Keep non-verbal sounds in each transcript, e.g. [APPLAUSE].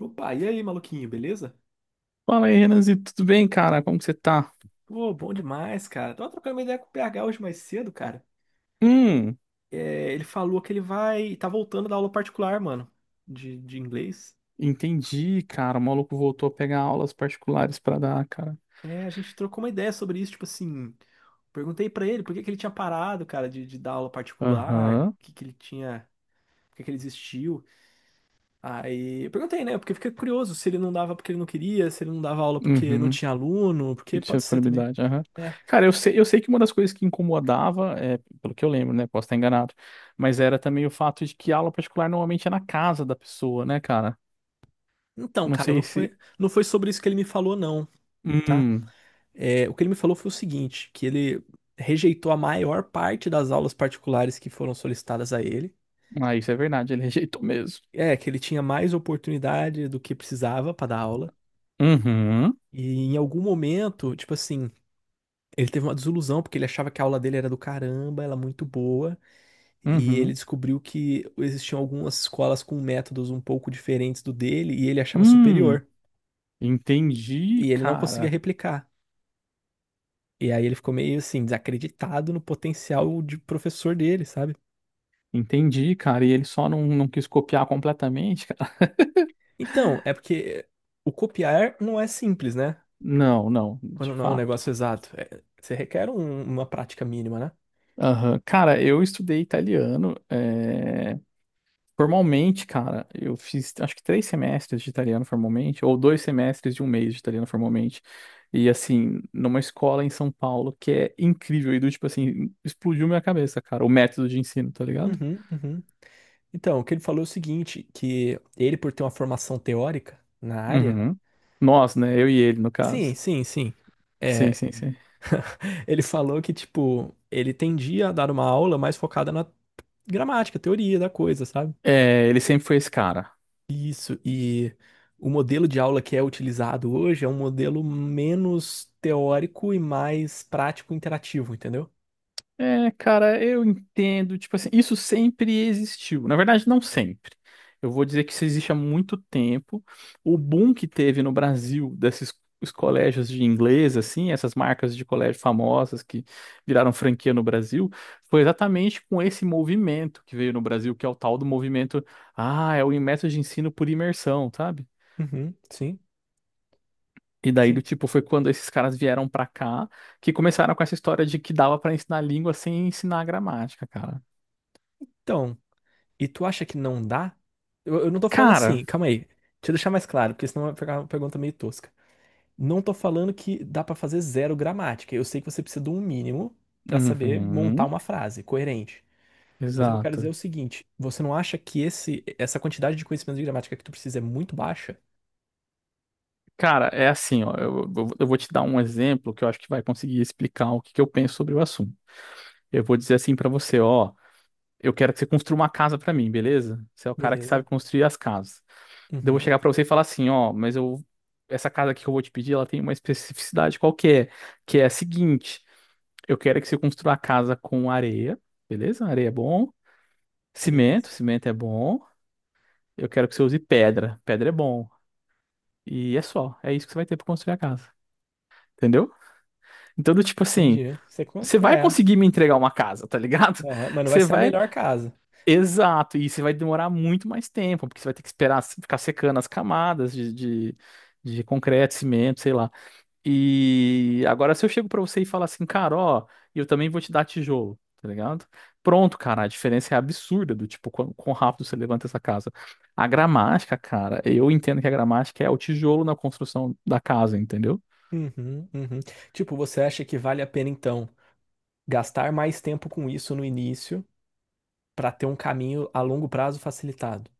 Opa, e aí, maluquinho, beleza? Fala aí, Renanzi, tudo bem, cara? Como que você tá? Pô, bom demais, cara. Tava trocando uma ideia com o PH hoje mais cedo, cara. Hum, É, ele falou que ele vai. Tá voltando da aula particular, mano, de inglês. entendi, cara. O maluco voltou a pegar aulas particulares pra dar, cara. É, a gente trocou uma ideia sobre isso, tipo assim. Perguntei pra ele por que que ele tinha parado, cara, de dar aula particular, Aham. o que que ele tinha. Por que que ele desistiu? Aí eu perguntei, né? Porque eu fiquei curioso se ele não dava porque ele não queria, se ele não dava aula porque não Uhum. tinha aluno, Não porque tinha pode ser também. disponibilidade, aham. É. Cara, eu sei que uma das coisas que incomodava, é, pelo que eu lembro, né? Posso estar enganado, mas era também o fato de que a aula particular normalmente é na casa da pessoa, né, cara? Então, Não cara, não sei se. foi, não foi sobre isso que ele me falou, não. Tá. Hum, É, o que ele me falou foi o seguinte, que ele rejeitou a maior parte das aulas particulares que foram solicitadas a ele. ah, isso é verdade, ele [LAUGHS] rejeitou mesmo. É, que ele tinha mais oportunidade do que precisava para dar aula. Uhum, E em algum momento, tipo assim, ele teve uma desilusão porque ele achava que a aula dele era do caramba, ela é muito boa, e ele uhum. descobriu que existiam algumas escolas com métodos um pouco diferentes do dele e ele achava Hum, superior, entendi, e ele não conseguia cara. replicar. E aí ele ficou meio assim desacreditado no potencial de professor dele, sabe? Entendi, cara. E ele só não quis copiar completamente, cara. [LAUGHS] Então, é porque o copiar não é simples, né? Não, não, de Quando não é um fato. negócio exato. É, você requer uma prática mínima, né? Aham. Cara, eu estudei italiano. Formalmente, cara, eu fiz acho que três semestres de italiano formalmente, ou dois semestres de um mês de italiano formalmente. E assim, numa escola em São Paulo que é incrível. E do tipo assim, explodiu minha cabeça, cara, o método de ensino, tá ligado? Uhum, uhum. Então, o que ele falou é o seguinte, que ele, por ter uma formação teórica na área, Uhum. Nós, né? Eu e ele, no sim, caso. sim, sim. Sim, É, sim, sim. [LAUGHS] ele falou que, tipo, ele tendia a dar uma aula mais focada na gramática, teoria da coisa, sabe? É, ele sempre foi esse cara. Isso, e o modelo de aula que é utilizado hoje é um modelo menos teórico e mais prático e interativo, entendeu? É, cara, eu entendo. Tipo assim, isso sempre existiu. Na verdade, não sempre. Eu vou dizer que isso existe há muito tempo. O boom que teve no Brasil desses os colégios de inglês, assim, essas marcas de colégio famosas que viraram franquia no Brasil, foi exatamente com esse movimento que veio no Brasil, que é o tal do movimento, ah, é o método de ensino por imersão, sabe? Uhum, sim, E daí, do sim. tipo, foi quando esses caras vieram pra cá que começaram com essa história de que dava pra ensinar língua sem ensinar gramática, cara. Então, e tu acha que não dá? Eu não tô falando Cara, assim, calma aí. Deixa eu deixar mais claro, porque senão vai ficar uma pergunta meio tosca. Não tô falando que dá pra fazer zero gramática. Eu sei que você precisa de um mínimo pra saber montar uhum, uma frase coerente. Mas o que eu quero dizer é exato. o seguinte, você não acha que essa quantidade de conhecimento de gramática que tu precisa é muito baixa? Cara, é assim, ó, eu vou te dar um exemplo que eu acho que vai conseguir explicar o que que eu penso sobre o assunto. Eu vou dizer assim pra você, ó, eu quero que você construa uma casa pra mim, beleza? Você é o cara que sabe Beleza. construir as casas. Daí eu vou Uhum, chegar pra você e falar assim, ó, mas eu essa casa aqui que eu vou te pedir, ela tem uma especificidade qualquer, que é a seguinte, eu quero que você construa a casa com areia, beleza? Areia é bom, cimento, beleza. cimento é bom. Eu quero que você use pedra, pedra é bom. E é só, é isso que você vai ter pra construir a casa. Entendeu? Então, do tipo assim, Entendi. Você vai conseguir me entregar uma casa, tá ligado? Aham, [LAUGHS] mas não vai Você ser a vai. melhor casa. Exato, e você vai demorar muito mais tempo, porque você vai ter que esperar se- ficar secando as camadas de concreto, cimento, sei lá. E agora, se eu chego pra você e falar assim, cara, ó, eu também vou te dar tijolo, tá ligado? Pronto, cara, a diferença é absurda do tipo, quão rápido você levanta essa casa. A gramática, cara, eu entendo que a gramática é o tijolo na construção da casa, entendeu? Uhum, uhum. Tipo, você acha que vale a pena então? Gastar mais tempo com isso no início para ter um caminho a longo prazo facilitado.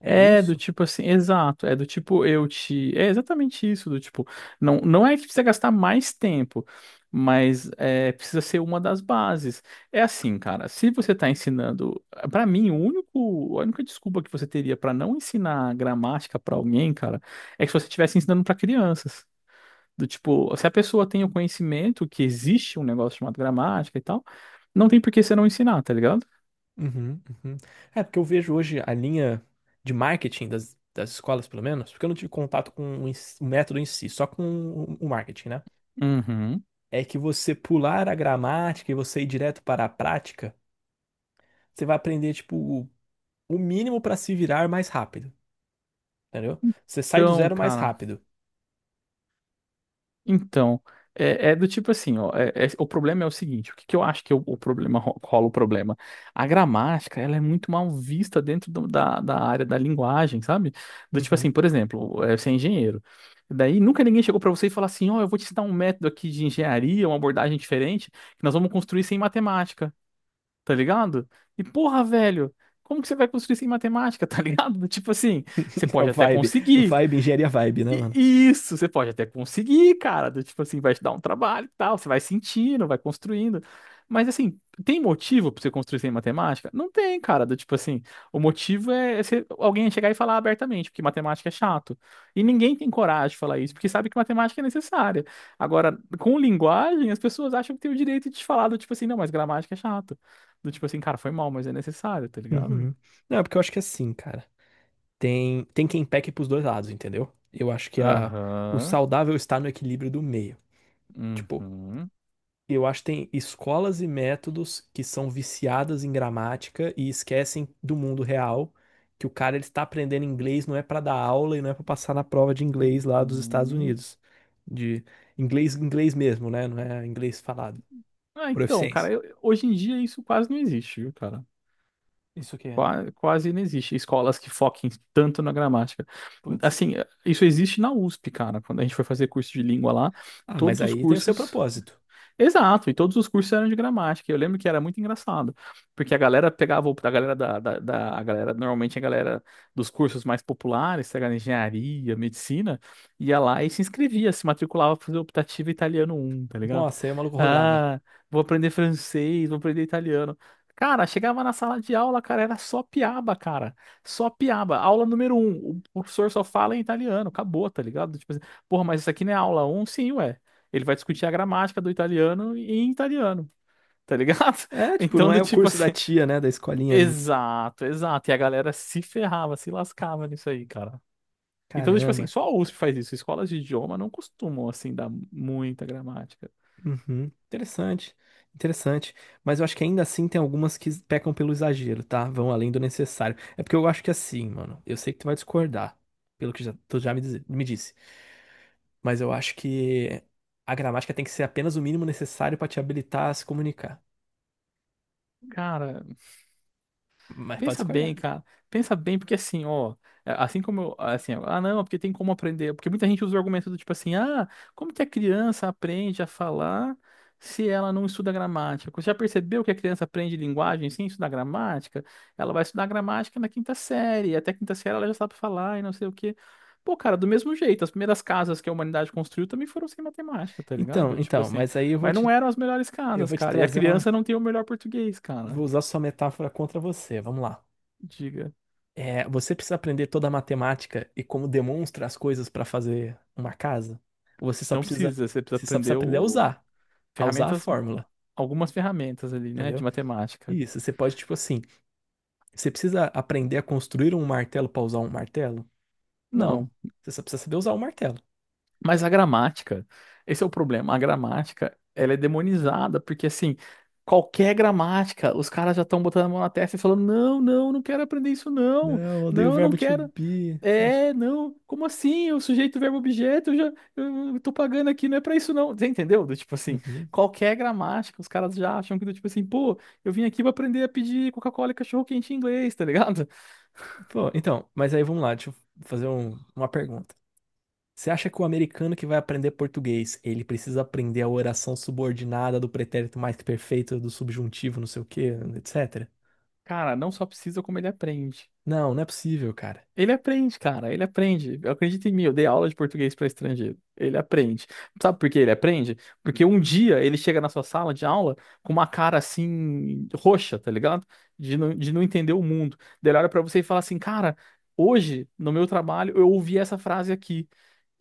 É É do isso? tipo assim, exato, é do tipo eu te, é exatamente isso, do tipo, não é que precisa gastar mais tempo, mas é, precisa ser uma das bases. É assim, cara, se você tá ensinando, pra mim, o único, a única desculpa que você teria pra não ensinar gramática pra alguém, cara, é que se você estivesse ensinando pra crianças. Do tipo, se a pessoa tem o conhecimento que existe um negócio chamado gramática e tal, não tem por que você não ensinar, tá ligado? Uhum, uhum. É, porque eu vejo hoje a linha de marketing das escolas, pelo menos, porque eu não tive contato com o o método em si, só com o marketing, né? Uhum. É que você pular a gramática e você ir direto para a prática, você vai aprender, tipo, o o mínimo para se virar mais rápido, entendeu? Você sai do Então, zero mais cara. rápido. Então, é do tipo assim, ó, o problema é o seguinte, o que eu acho que o problema [LAUGHS] ro- rola o problema? A gramática, ela é muito mal vista dentro do- da, da área da linguagem, sabe? Do tipo Uhum. assim, por exemplo, é, você é engenheiro, daí nunca ninguém chegou pra você e falou assim, ó, eu vou te dar um método aqui de engenharia, uma abordagem diferente, que nós vamos construir sem matemática, tá ligado? E porra, velho, como que você vai construir sem matemática, [LAUGHS] tá ligado? Do tipo assim, você [LAUGHS] É o pode até vibe. conseguir, Vibe, engenharia vibe, né, mano? Isso, você pode até conseguir, cara. Do tipo assim, vai te dar um trabalho e tal. Você vai sentindo, vai construindo. Mas assim, tem motivo pra você construir sem matemática? Não tem, cara. Do tipo assim, o motivo é você- alguém chegar e falar abertamente, porque matemática é chato. E ninguém tem coragem de falar isso, porque sabe que matemática é necessária. Agora, com linguagem, as pessoas acham que tem o direito de te falar do tipo assim, não, mas gramática é chato. Do tipo assim, cara, foi mal, mas é necessário, tá ligado? Uhum. Não, é porque eu acho que é assim, cara. Tem, tem quem peque pros dois lados, entendeu? Eu acho que o Aham. saudável está no equilíbrio do meio. Tipo, Uhum. eu acho que tem escolas e métodos que são viciadas em gramática e esquecem do mundo real, que o cara ele está aprendendo inglês não é pra dar aula e não é pra passar na prova de inglês lá dos Estados Uhum. Unidos. De inglês, inglês mesmo, né? Não é inglês falado. Ah, então, Proficiência. cara, hoje em dia isso quase não existe, viu, cara? Isso que é. Não existe escolas que foquem tanto na gramática. Putz. Assim, isso existe na USP, cara. Quando a gente foi fazer curso de língua lá, Ah, mas todos os aí tem o seu cursos propósito. exato, e todos os cursos eram de gramática. Eu lembro que era muito engraçado, porque a galera pegava, a galera a galera, normalmente a galera dos cursos mais populares, sei lá, engenharia, medicina, ia lá e se inscrevia, se matriculava para fazer optativa italiano um, tá ligado? Nossa, aí o maluco rodava. Ah, vou aprender francês, vou aprender italiano. Cara, chegava na sala de aula, cara, era só piaba, cara. Só piaba. Aula número um, o professor só fala em italiano, acabou, tá ligado? Tipo assim, porra, mas isso aqui não é aula um, sim, ué, ele vai discutir a gramática do italiano em italiano, tá ligado? É, [LAUGHS] tipo, Então, não do é o tipo curso da assim, tia, né? Da escolinha, né? exato, exato. E a galera se ferrava, se lascava nisso aí, cara. Então, do tipo assim, Caramba. só a USP faz isso. Escolas de idioma não costumam, assim, dar muita gramática. Uhum. Interessante. Interessante. Mas eu acho que ainda assim tem algumas que pecam pelo exagero, tá? Vão além do necessário. É porque eu acho que assim, mano. Eu sei que tu vai discordar, pelo que já, tu já me, me disse. Mas eu acho que a gramática tem que ser apenas o mínimo necessário pra te habilitar a se comunicar. Cara, Mas pode pensa bem, discordar. cara. Pensa bem, porque assim, ó, é, assim como eu, assim, ó, ah, não, porque tem como aprender, porque muita gente usa o argumento do tipo assim, ah, como que a criança aprende a falar se ela não estuda gramática? Você já percebeu que a criança aprende linguagem sem estudar gramática? Ela vai estudar gramática na quinta série, e até a quinta série ela já sabe falar e não sei o quê. Pô, cara, do mesmo jeito, as primeiras casas que a humanidade construiu também foram sem matemática, tá Então, ligado? Tipo então, assim, mas aí mas não eram as melhores eu casas, vou te cara. E a trazer uma. criança não tem o melhor português, Vou cara. usar sua metáfora contra você. Vamos lá. Diga. É, você precisa aprender toda a matemática e como demonstra as coisas para fazer uma casa. Você só Não precisa, precisa, você precisa você só precisa aprender aprender a o... usar, a usar a ferramentas, fórmula, algumas ferramentas ali, né, de entendeu? matemática. Isso, você pode, tipo assim, você precisa aprender a construir um martelo para usar um martelo? Não, Não, você só precisa saber usar um martelo. mas a gramática, esse é o problema. A gramática, ela é demonizada, porque assim, qualquer gramática, os caras já estão botando a mão na testa e falando: não, não, não quero aprender isso, não. Não, odeio o Não, eu não verbo to quero. be. Sai. É, não, como assim? O sujeito, verbo, objeto, eu já eu tô pagando aqui, não é pra isso, não. Você entendeu? Do tipo assim, Uhum. qualquer gramática, os caras já acham que do tipo assim, pô, eu vim aqui pra aprender a pedir Coca-Cola e cachorro-quente em inglês, tá ligado? Pô, então, mas aí vamos lá, deixa eu fazer uma pergunta. Você acha que o americano que vai aprender português, ele precisa aprender a oração subordinada do pretérito mais que perfeito, do subjuntivo, não sei o quê, etc? Cara, não só precisa como ele aprende. Não, não é possível, cara. Ele aprende, cara, ele aprende. Acredita em mim, eu dei aula de português para estrangeiro. Ele aprende. Sabe por que ele aprende? Porque um dia ele chega na sua sala de aula com uma cara assim, roxa, tá ligado? De não entender o mundo. Daí ele olha pra você e fala assim, cara, hoje, no meu trabalho, eu ouvi essa frase aqui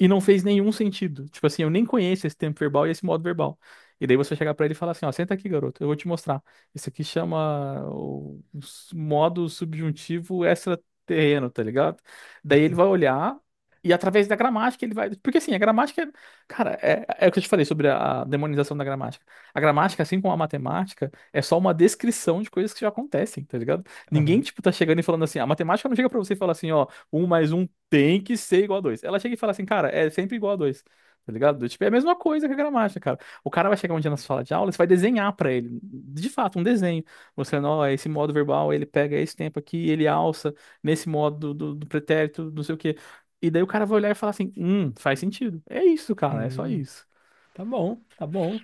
e não fez nenhum sentido. Tipo assim, eu nem conheço esse tempo verbal e esse modo verbal. E daí você chegar pra ele e falar assim, ó, senta aqui, garoto, eu vou te mostrar. Isso aqui chama o modo subjuntivo terreno, tá ligado? Daí ele vai [LAUGHS] olhar e através da gramática ele vai. Porque assim, a gramática, cara, é o que eu te falei sobre a demonização da gramática. A gramática, assim como a matemática, é só uma descrição de coisas que já acontecem, tá ligado? Ninguém, Aham. tipo, tá chegando e falando assim, a matemática não chega pra você e fala assim, ó, um mais um tem que ser igual a dois. Ela chega e fala assim, cara, é sempre igual a dois. Tá ligado? Tipo, é a mesma coisa que a gramática, cara. O cara vai chegar um dia na sala de aula, você vai desenhar pra ele, de fato, um desenho, mostrando, ó, esse modo verbal, ele pega esse tempo aqui, ele alça nesse modo do pretérito, não sei o quê. E daí o cara vai olhar e falar assim: faz sentido. É isso, cara, é só Hum, isso. tá bom, tá bom,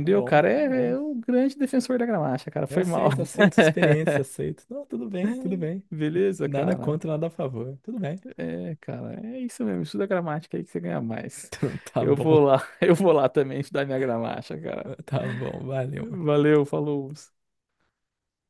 tá O bom, cara tá bom. é o grande defensor da gramática, cara. Eu Foi mal. aceito, aceito sua [LAUGHS] experiência, aceito. Não, tudo bem, tudo bem. Beleza, Nada cara? contra, nada a favor. Tudo bem. É, cara, é isso mesmo. Estuda gramática aí que você ganha mais. [LAUGHS] Tá Eu vou bom, lá, [LAUGHS] eu vou lá também estudar minha gramática, cara. tá bom, valeu. Valeu, falou.